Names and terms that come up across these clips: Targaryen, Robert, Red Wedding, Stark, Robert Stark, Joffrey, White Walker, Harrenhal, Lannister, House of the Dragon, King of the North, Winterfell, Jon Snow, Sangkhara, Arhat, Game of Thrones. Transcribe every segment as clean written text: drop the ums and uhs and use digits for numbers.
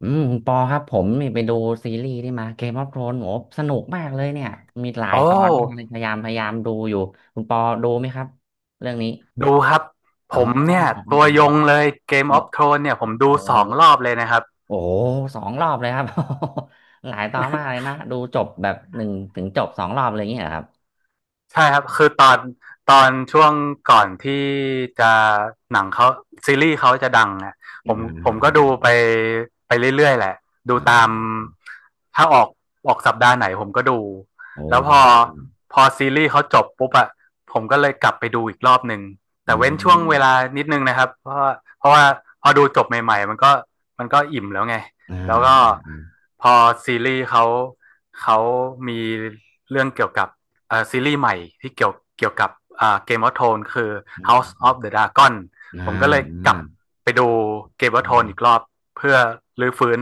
อืมคุณปอครับผมนี่ไปดูซีรีส์ที่มาเกมออฟโธรนโอ้สนุกมากเลยเนี่ยมีหลาโอ้ยตอนมากเลยพยายามดูอยู่คุณปอดูไหมครับเรื่องนี้ดูคครรรััับบบผอ๋ผมมเเเเนนนีี่่ยยยยอยตวยงลลย Game อ๋อ of Thrones เนี่ยผมอ๋ดูอ2 รอบเลยนะครับ โอ้โหสองรอบเลยครับ หลายตอนมากเลยนะดูจบแบบหนึ่งถึงจบสองรอบเลยอย่างเงี้ยเหรอครับใช่ครับคือตอนช่วงก่อนที่จะหนังเขาซีรีส์เขาจะดังอ่ะผอ่มผมก็ดูาไปเรื่อยๆแหละดูอ่ตามาถ้าออกสัปดาห์ไหนผมก็ดูโอแล้วพอ้พอซีรีส์เขาจบปุ๊บอ่ะผมก็เลยกลับไปดูอีกรอบหนึ่งอืแต่เว้นช่วงเวลามนิดนึงนะครับเพราะว่าพอดูจบใหม่ๆมันก็อิ่มแล้วไงอ่าแล้วก็อ่าอ่าพอซีรีส์เขามีเรื่องเกี่ยวกับ ซีรีส์ใหม่ที่เกี่ยวกับGame of Thrones คือ อ่าอม House อืม of the Dragon อ่าผมก็เลยกลับอ่าไปดู Game of Thrones อีกรอบเพื่อรื้อฟื้น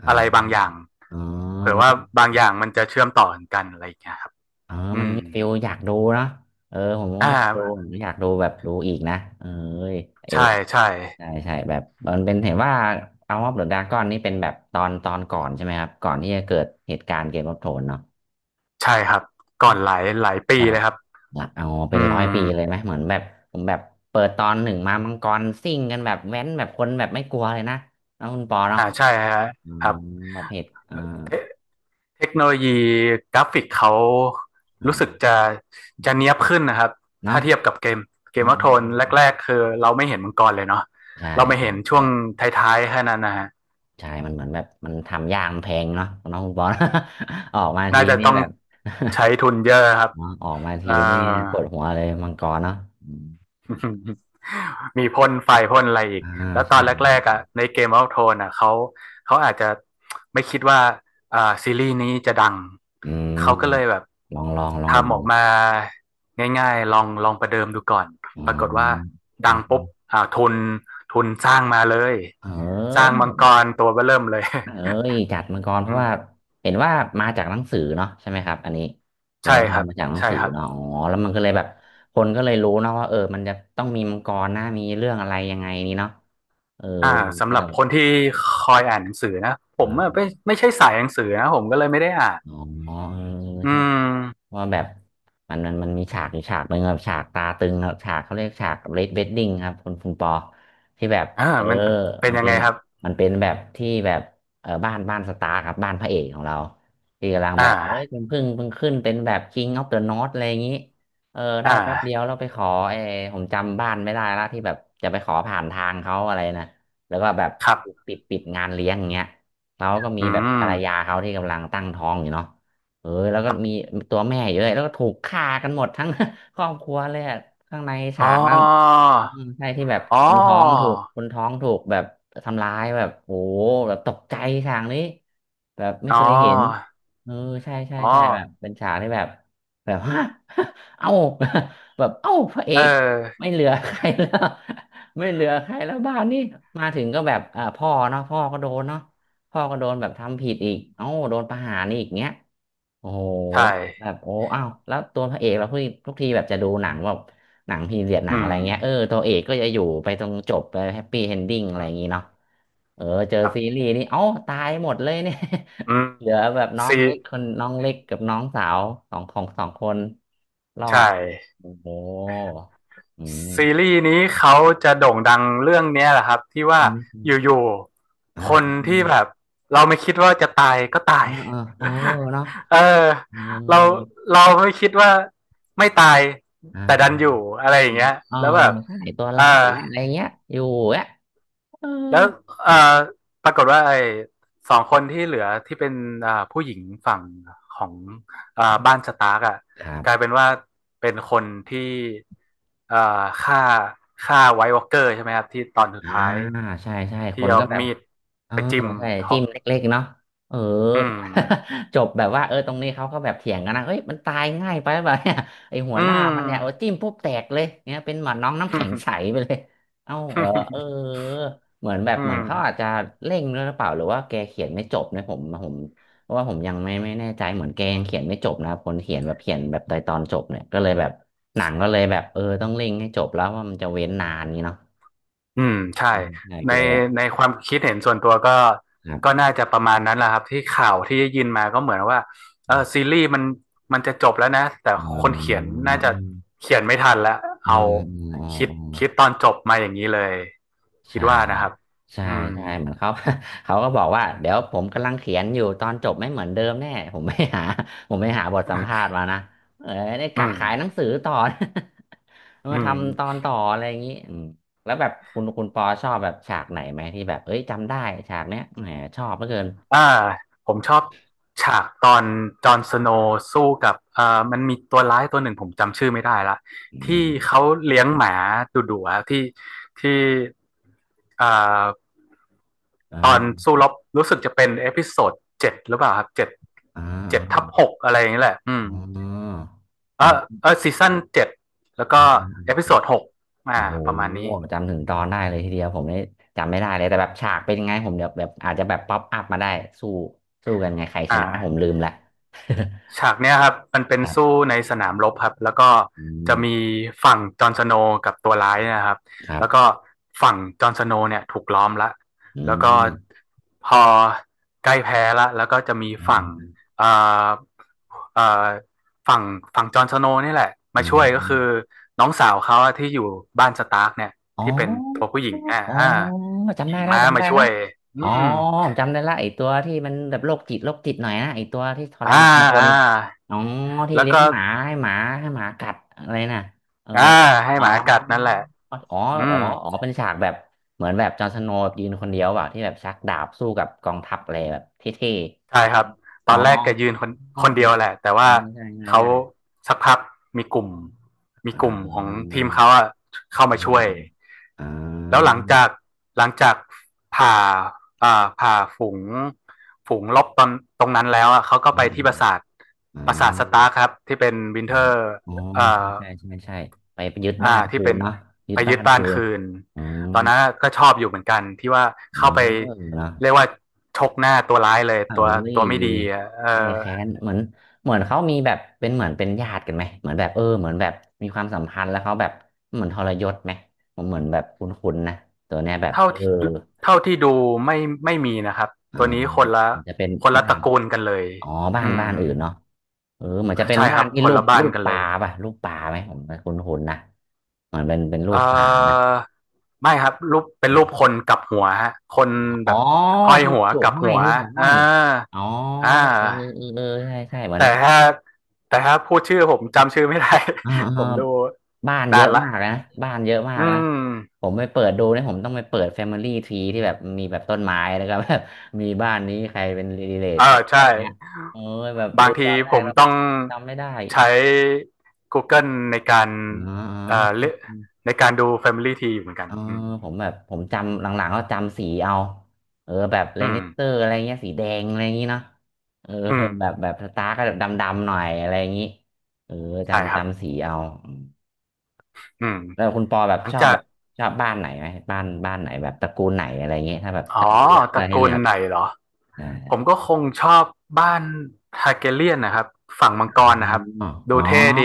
อ่าอะไรบางอย่างอ๋อเผื่อมันว่าก็ บางอย่างมันจะเชื่อมต่อกันอะไรอย่างเงี้ยครับเอออืมันมมีฟิลอยากดูเนาะเออผมก็อ่อยากดูผมาก็อยากดูแบบดูอีกนะเออเออใช่ใช่ใช่ใช่แบบมันเป็นเห็นว่าเอาออฟเดอะดราก้อนนี่เป็นแบบตอนก่อนใช่ไหมครับ ก่อนที่จะเกิดเหตุการณ์เกมออฟโทนเนาะใช่ครับก่อนหลายปีอ่าเลยครับละเอาเป็อืนร้อมยปีเลยไหม เหมือนแบบผมแบบเปิดตอนหนึ่งมามังกรซิ่งกันแบบแว้นแบบคนแบบไม่กลัวเลยนะน้องคุณปอเนาะอ่าใช่ฮะอืครัมบ แบบเหตุอ่าเทคโนโลยีกราฟิกเขารู้สึกอ่าจะเนียบขึ้นนะครับเนาะถ้าเทียบกับเกมเกอ่มวอฟโทนาแรกๆคือเราไม่เห็นมังกรเลยเนาะใช่เราไม่ใช่เห็นช่ใช่ วงท้ายๆแค่นั้นนะฮะใช่ มันเหมือนแบบมันทำยากมันแพงเนาะน้องคุณปอน ออกมาทีน่าจะนี่ต้องแบบ ใช้ทุนเยอะครับ เนาะออกมาทีเอ่อ นี่ปวดหัวเลยมังกรเนาะอืม มีพ่นไฟพ่นอะไรอีกอ่าแล้วตอใช่นแรกๆใช่อ่ะในเกม o อ t โท o อ่ะเขาอาจจะไม่คิดว่าซีรีส์นี้จะดังอืมเขาก็เลยแบบลองลองลองลทำออองกมาง่ายๆลองลองประเดิมดูก่อนปรากฏว่าอออดังมปุ๊บอ่าทุนทุนสร้างมาเลยเสร้างออมังกรตัวเบ้อเริ่มเลย เอ้ยจัดมังกรเพราะว่าเห็นว่ามาจากหนังสือเนาะใช่ไหมครับอันนี้ เดี๋ยใช่วตคอรัรบมาจากหนังใช่สือครับเนาะอ๋อแล้วมันก็เลยแบบคนก็เลยรู้เนาะว่าเออมันจะต้องมีมังกรนะมีเรื่องอะไรยังไงนี้เนาะเอออ่าสำก็หรัเลบย คนที่คอยอ่านหนังสือนะผมไม่ใช่สายหนังสือนะผมก็เลยไม่ได้อ่านอ๋อเอออืใช่ ม ว่าแบบมันมีฉากอยู่ฉากหนึ่งครับฉากตาตึงครับฉากเขาเรียกฉากเรดเวดดิ้งครับคุณปอที่แบบอ่าเออมันเป็นมันยังเป็ไงนครับ มันเป็นแบบที่แบบเออบ้านสตาร์ครับบ้านพระเอกของเราที่กำลังอ่า แบบเอ้ยเพิ่งขึ้นเป็นแบบ King of the North อะไรอย่างนี้เออได้อ่แป๊บเดียวาเราไปขอเออผมจำบ้านไม่ได้ละที่แบบจะไปขอผ่านทางเขาอะไรนะแล้วก็แบบครับปิดงานเลี้ยงอย่างเงี้ยเขาก็มีอืแบบภรมรยาเขาที่กำลังตั้งท้องอยู่เนาะ เออแล้วก็ครัมีบตัวแม่เยอะแล้วก็ถูกฆ่ากันหมดทั้ง ครอบครัวเลยอะข้างในฉาอ๋อกนั้นอืมใช่ที่แบบอ๋อคนท้องถูกคนท้องถูกแบบทำร้ายแบบโอ้หแบบตกใจฉากนี้แบบไม่อ๋เคยเห็นอเออใช่ใช่อ๋อใช่แบบเป็นฉากที่แบบแบบฮะ เอ้า แบบเอ้าพระเอเกออ ไม่เหลือใครแล้ว ไม่เหลือใครแล้วบ้านนี่มาถึงก็แบบอ่าพ่อเนาะพ่อก็โดนเนาะพ่อก็โดนแบบทำผิดอีกเอ้าโดนประหารอีกเงี้ย โอ้โหใชแบ่ บโอ้อ้าวแล้วตัวพระเอกเราทุกทีแบบจะดูหนังแบบหนังพีเรียดหนัอืงอะไรมเงี้ยเออตัวเอกก็จะอยู่ไปตรงจบไปแฮปปี้เอนดิ้งอะไรอือย่างงี้เนาะมเออเจอครัซีบ รีส์นี่เอ้าตายหมดเลยเนี่ย อืม เหลือแบบน้องซีเล็กคนน้องเล็กกับน้องสาวสองของสองคนรอใช่ ดโอ้โหอืมซีรีส์นี้เขาจะโด่งดังเรื่องนี้แหละครับที่ว่าใช่ไหมอยู่อ่ๆคนาที่แบบเราไม่คิดว่าจะตายก็ตาเอย อเออเออเนาะ เออเอเราอเราไม่คิดว่าไม่ตายแต่ดันอ่าอยู่อะไรอย่างเงี้ยอ๋อแล้วแบบใช่ตัวเอร้ายอ อีกแล้วอะไรเงี้ยอยู่อ่ะ เออแล้วครัเอ่บอปรากฏว่าไอ้สองคนที่เหลือที่เป็นอ่าผู้หญิงฝั่งของอ่าบ้านสตาร์กอ่ะครักลายบเป็นว่าเป็นคนที่อ่าฆ่าฆ่าไวท์วอล์กเกอร์ใช่ไหมครับที่ตอนสุดอ่าท้ายใช่ใช่คที่นเอาก็แบบ มีดเออไปจิ้มใช่จิ้เทาะมเล็กๆเนาะเออ อืม จบแบบว่าเออตรงนี้เขาก็แบบเถียงกันนะเฮ้ยมันตายง่ายไปแบบเนี่ย ไอหัอืวหน้าม มันเนี่ยโอ้จิ้มปุ๊บแตกเลยเนี่ยเป็นหมือนน้องน้ำแข็งใสไปเลย เอ้าเหรอเออ เหมือนแบบอืเหมือนเขาอาจม จะเร่งด้วยหรือเปล่าหรือว่าแกเขียนไม่จบนะผมเพราะว่าผมยังไม่แน่ใจเหมือนแกยังเขียนไม่จบนะคนเขียนแบบเขียนแบบตอนจบเนี่ยก็เลยแบบหนังก็เลยแบบเออต้องเร่งให้จบแล้วว่ามันจะเว้นนานนี้เนาะอืมใช่อืมใช่ก็ในเลยแบบในความคิดเห็นส่วนตัวก็ครัก็บ น่าจะประมาณนั้นแหละครับที่ข่าวที่ได้ยินมาก็เหมือนว่าเออซีรีส์มันจะจบแล้วนะแต่อืคนเขียนมน่าจะเขียนไม่ทันแล้วอืเอามอืมอืมคิดอืมคิดตออนจบมาอย่างนี้เลยคิดใช่ว่านะครับใช่อืมใช่เหมือนเขา เขาก็บอกว่าเดี๋ยวผมกำลังเขียนอยู่ตอนจบไม่เหมือนเดิมแน่ผมไม่หา ผมไม่หาบทสัมภาษณ์มานะเออได้อืกะมขายหนังสือต่อ อืมาม ทำตอนต่ออะไรอย่างนี้อืมแล้วแบบคุณปอชอบแบบฉากไหนไหมที่แบบเอ้ยจำได้ฉากเนี้ยแหมชอบเหลือเกินอ่าผมชอบฉากตอนจอห์นสโนว์สู้กับมันมีตัวร้ายตัวหนึ่งผมจำชื่อไม่ได้ละอืที่มเขาเลี้ยงหมาดุดุอะที่เอ่อตอนอ่าสู้รบรู้สึกจะเป็นเอพิโซด 7หรือเปล่าครับเจ็ดอ่าเจ็ดทับหอ่ากอะไรอย่างนี้แหละอืมอ๋อเออือมเออซีซั่น 7แล้วอ่ก็เอพิโซา ดหกโอ้อ่าโหประมาณนี้จำถึงตอนได้เลยทีเดียวผมนี่จำไม่ได้เลยแต่แบบฉากเป็นยังไงผมเดี๋ยวแบบอาจจะแบบป๊อปอัพมาได้สู้สู้กันไงใครชอ่า นะผมลืมละ ฉากเนี้ยครับมันเป็นคสู้รับในสนามรบครับแล้วก็อืจะมมีฝั่งจอห์นสโนว์กับตัวร้ายเนยนะครับครัแล้วก็บฝั่งจอห์นสโนว์เนี่ยถูกล้อมละอืแล้วก็มพอใกล้แพ้ละแล้วก็จะมีอฝั่ง่เอ่อเอ่อฝั่งฝั่งจอห์นสโนว์นี่แหละมาช่วยก็คือา น้องสาวเขาอะที่อยู่บ้านสตาร์กเนี่ยอ๋อที่เป็นตัวผู้หญิงเนี่ยอ๋ออ่าจำขี่ได้ละม้าจำมาได้ช่ละวยอือ๋อมผมจำได้ละไอตัวที่มันแบบโรคจิตหน่อยนะไอตัวที่ทรอ่ามานคอ่านอ๋อที่แล้วเลี้ยงก็หมาให้หมากัดอะไรน่ะเอออ่าให้อ๋อหมากัดนั่นแหละ อ๋ออ๋ออืมอ๋อเป็นฉากแบบเหมือนแบบจอห์นสโนว์ยืนคนเดียวเปล่าที่แบบชักดาบสู้กับกองทัพอะไรแบบเท่ใช่ครับๆตอ๋ออนแรกแกยืนคนอ๋อคนเดียวแหละแต่เออว่าใช่ใช่เขาใช่สักพักมีกลุ่มมีอ่กลุ่มของาทีมเขาอะเข้ามาอ่าช่วยอ่าอ่แล้วหาลังจากหลังจากผ่าผ่าฝูงลบตอนตรงนั้นแล้วอะเขาก็อืไปมที่อืปมราสาทอืปราสาทสม ตาร์คครับที่เป็นวินอ๋อเทอร์อ๋อเอ่ใช่อ ใช่ใช่ใช่ไปยึดอ่าบ้านที่คืเป็นนเนาะยึไปดยึบ้าดนบ้าคืนนคืนอ๋อตอนนั้นก็ชอบอยู่เหมือนกันที่ว่าเออเข้าไปเนาะเรียกว่าชกหน้าตัวร้ายเลยเอ้ตัวยตัวไม่ดีอะเออแก้แค้นเหมือนเหมือนเขามีแบบเป็นเหมือนเป็นญาติกันไหมเหมือนแบบเออเหมือนแบบมีความสัมพันธ์แล้วเขาแบบเหมือนทรยศไหมผมเหมือนแบบคุ้นๆนะตัวเนี้ยแบบเท่าเออที่เท่าที่ดูไม่ไม่มีนะครับอ่าตัวนี้คนละมันจะเป็นคนละบ้าตระนกูลกันเลยอ๋อบ้านอืมอื่นเนาะเออเหมือนจะเป็นใช่คบ้ารันบที่ครูนปละบ้านกันปเลลายป่ะรูปปลาไหมผมคุ้นๆนะเหมือนเป็นรูเอปปลานะ อไม่ครับรูปเป็นรูปคนกลับหัวฮะคนอ๋แบอบห้อยที่หัวโขกกลับห้อยหัวที่โขกห้ออ่ายอ๋ออ่เออา เออเออใช่ใช่เหมือนแต่ถ้าแต่ถ้าพูดชื่อผมจำชื่อไม่ได้ อ่า ผอ่ามดูบ้านเยนาอะนละมากนะบ้านเยอะมาอืกนะมผมไปเปิดดูเนี่ยผมต้องไปเปิด Family Tree ที่แบบมีแบบต้นไม้นะครับ แบบมีบ้านนี้ใครเป็นรีเลทเออกันอะไรใช่เงี้ยเออแบบบาดูงตทีอนแรผกมแล้วต้องจำไม่ได้ใช้ Google ในการอ๋เอ่อเลือกอ ในการดู Family Tree อยู่เหมือนกันเอออืมผมแบบผมจำหลังๆก็จำสีเอาเออแบบเลอืนิมสเตอร์อะไรเงี้ยสีแดงอะไรอย่างงี้เนาะเออ อืม แบบสตาร์ก็แบบดำๆหน่อยอะไรอย่างงี้เออใช่คจำรับสีเอาอืมอืมแล้วคุณปอแบหบลังชอบจาก แบบชอบบ้านไหนไหมบ้านไหนแบบตระกูลไหนอะไรอย่างงี้ถ้าแบบอ๋อตถ้าระให้กูเลืลอกไหนเหรออ่าผมก็คงชอบบ้านทาร์แกเรียนนะครับฝั่งมังกรนะครับอ๋อดูอ๋อเท่ดี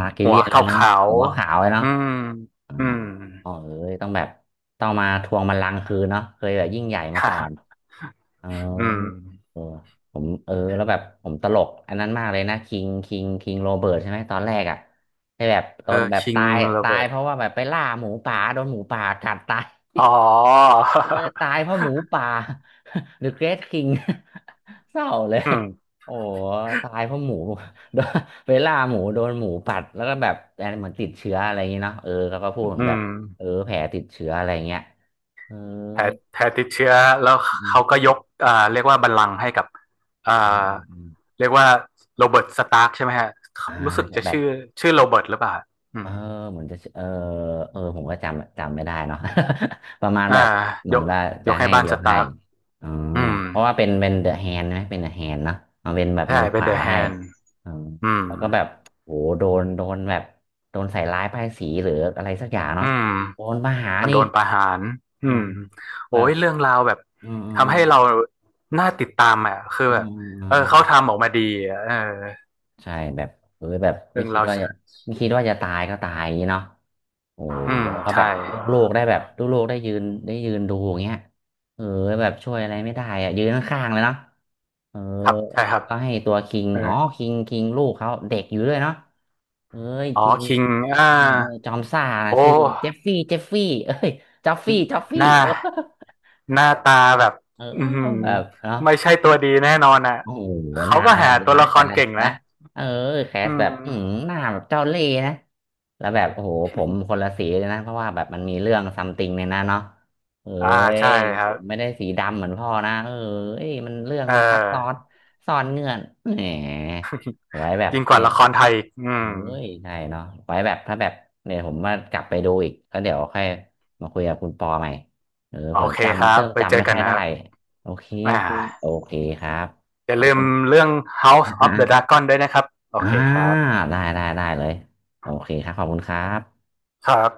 ฮาร์กิหัเลีวยนขเลยเนาะาวหัวขาวเลยๆเนาะ อืมอ๋ออืม พ่อเอ้ยต้องแบบต้องมาทวงบัลลังก์คืนเนาะเคยแบบยิ่งใหญ่มาก่อน เอออืมเออผมเออ แล้วแบบผมตลกอันนั้นมากเลยนะคิงคิงโรเบิร์ตใช่ไหมตอนแรกอ่ะให้แบบตเอออนแบบคิงตายโรเบิร์ตเพราะว่าแบบไปล่าหมูป่าโดนหมูป่ากัดตาย อ๋อ เออตายเพราะหมูป่า The Great King เศร้าเลย อืมโอ้ตายเพราะหมู โดนเวลาหมูโดนหมูกัดแล้วก็แบบแต่เหมือนติดเชื้ออะไรอย่างเงี้ยเนาะเออเขาก็พูดอืเหมือนแบบมเออแผลติดเชื้ออะไรเงี้ยเออแพ้แพ้ติดเชื้อแล้วอืเขามก็ยกอ่าเรียกว่าบัลลังก์ให้กับอ่อืมาอืมเรียกว่าโรเบิร์ตสตาร์กใช่ไหมฮะอ่ารู้สึกจะจะแบบ ชื่อชื่อโรเบิร์ตหรือเปล่าอืเออม เหมือนจะเออเออผมก็จำไม่ได้เนาะ ประมาณอ่าแบบเหยมือนกว่ายจะกให้ให้บ้านยสกตาให้ร์กอ๋ออืเหมือนมเพราะว่าเป็นเดอะแฮนด์ไหมเป็นเดอะแฮนด์เนาะเอาเป็นแบบมืใช่อขเป็นวาเดอะแฮให้นด์อ๋ออืมแล้วก็แบบโหโดนแบบโดนใส่ร้ายป้ายสีหรืออะไรสักอย่างอืเนาะมโดนมาหาจนนี่โดนประหารอือืมมโอ้แบยบเรื่องราวแบบอืมอืมทำให้เราน่าติดตามอ่ะคืออืแบบมอืมอืเออเขามทำออกมาดีอะเออใช่แบบเออแบบเรื่องราวไม่คิดว่าจะตายก็ตายอย่างนี้เนาะ โอ้โอืหมเขาแบใช่บลูกโลกได้แบบลูกโลกได้ยืนดูอย่างเงี้ยเออแบบช่วยอะไรไม่ได้อะยืนข้างๆเลยเนาะเออครับใช่ครับก็ให้ตัวคิงเอออ๋อคิงลูกเขาเด็กอยู่ด้วยเนาะเอ้ยอ๋อคิงคิงอ่าเออเออจอมซ่านะโอ้ชื่อเจฟฟี่เอ้ยจอฟฟี่หน้าเออ หน้าตาแบบเอออืมแบบเนาะ ไม่ใช่ตัวดีแน่นอนอ่ะโอ้โหหเขาน้าก็แบหาบตัวร้ายละคแต่รแรกเก่งนะนะเออแคอืสแบบอืมมหน้าแบบเจ้าเล่ห์นะแล้วแบบโอ้โหผมคนละสีเลยนะเพราะว่าแบบมันมีเรื่องซัมติงในนั้นเนาะเอ้อ่ายใช่คผรับ มไม่ได้สีดำเหมือนพ่อนะ เอ้ยมันเรื่องเออมันซับซ้อนซ่อนเงื่อนแหมไว้แบบยิ่งกว่านี่ละครไทยอีกอืเอ้มยใช่เนาะไว้แบบถ้าแบบเนี่ยผมว่ากลับไปดูอีกแล้วเดี๋ยวค่อยมาคุยกับคุณปอใหม่เออโอเผื่อเคคจำรับเริ่มไปเจจำอไม่กัค่นอยนะได้ ครับโอเคโออ่าเคโอเคครับอขย่าอบลืมคุณ เรื่อง อ House of the ่า Dragon ด้วยนะครับโออ่าเคครับอ่าได้ได้ได้เลยโอเคครับขอบคุณครับครับ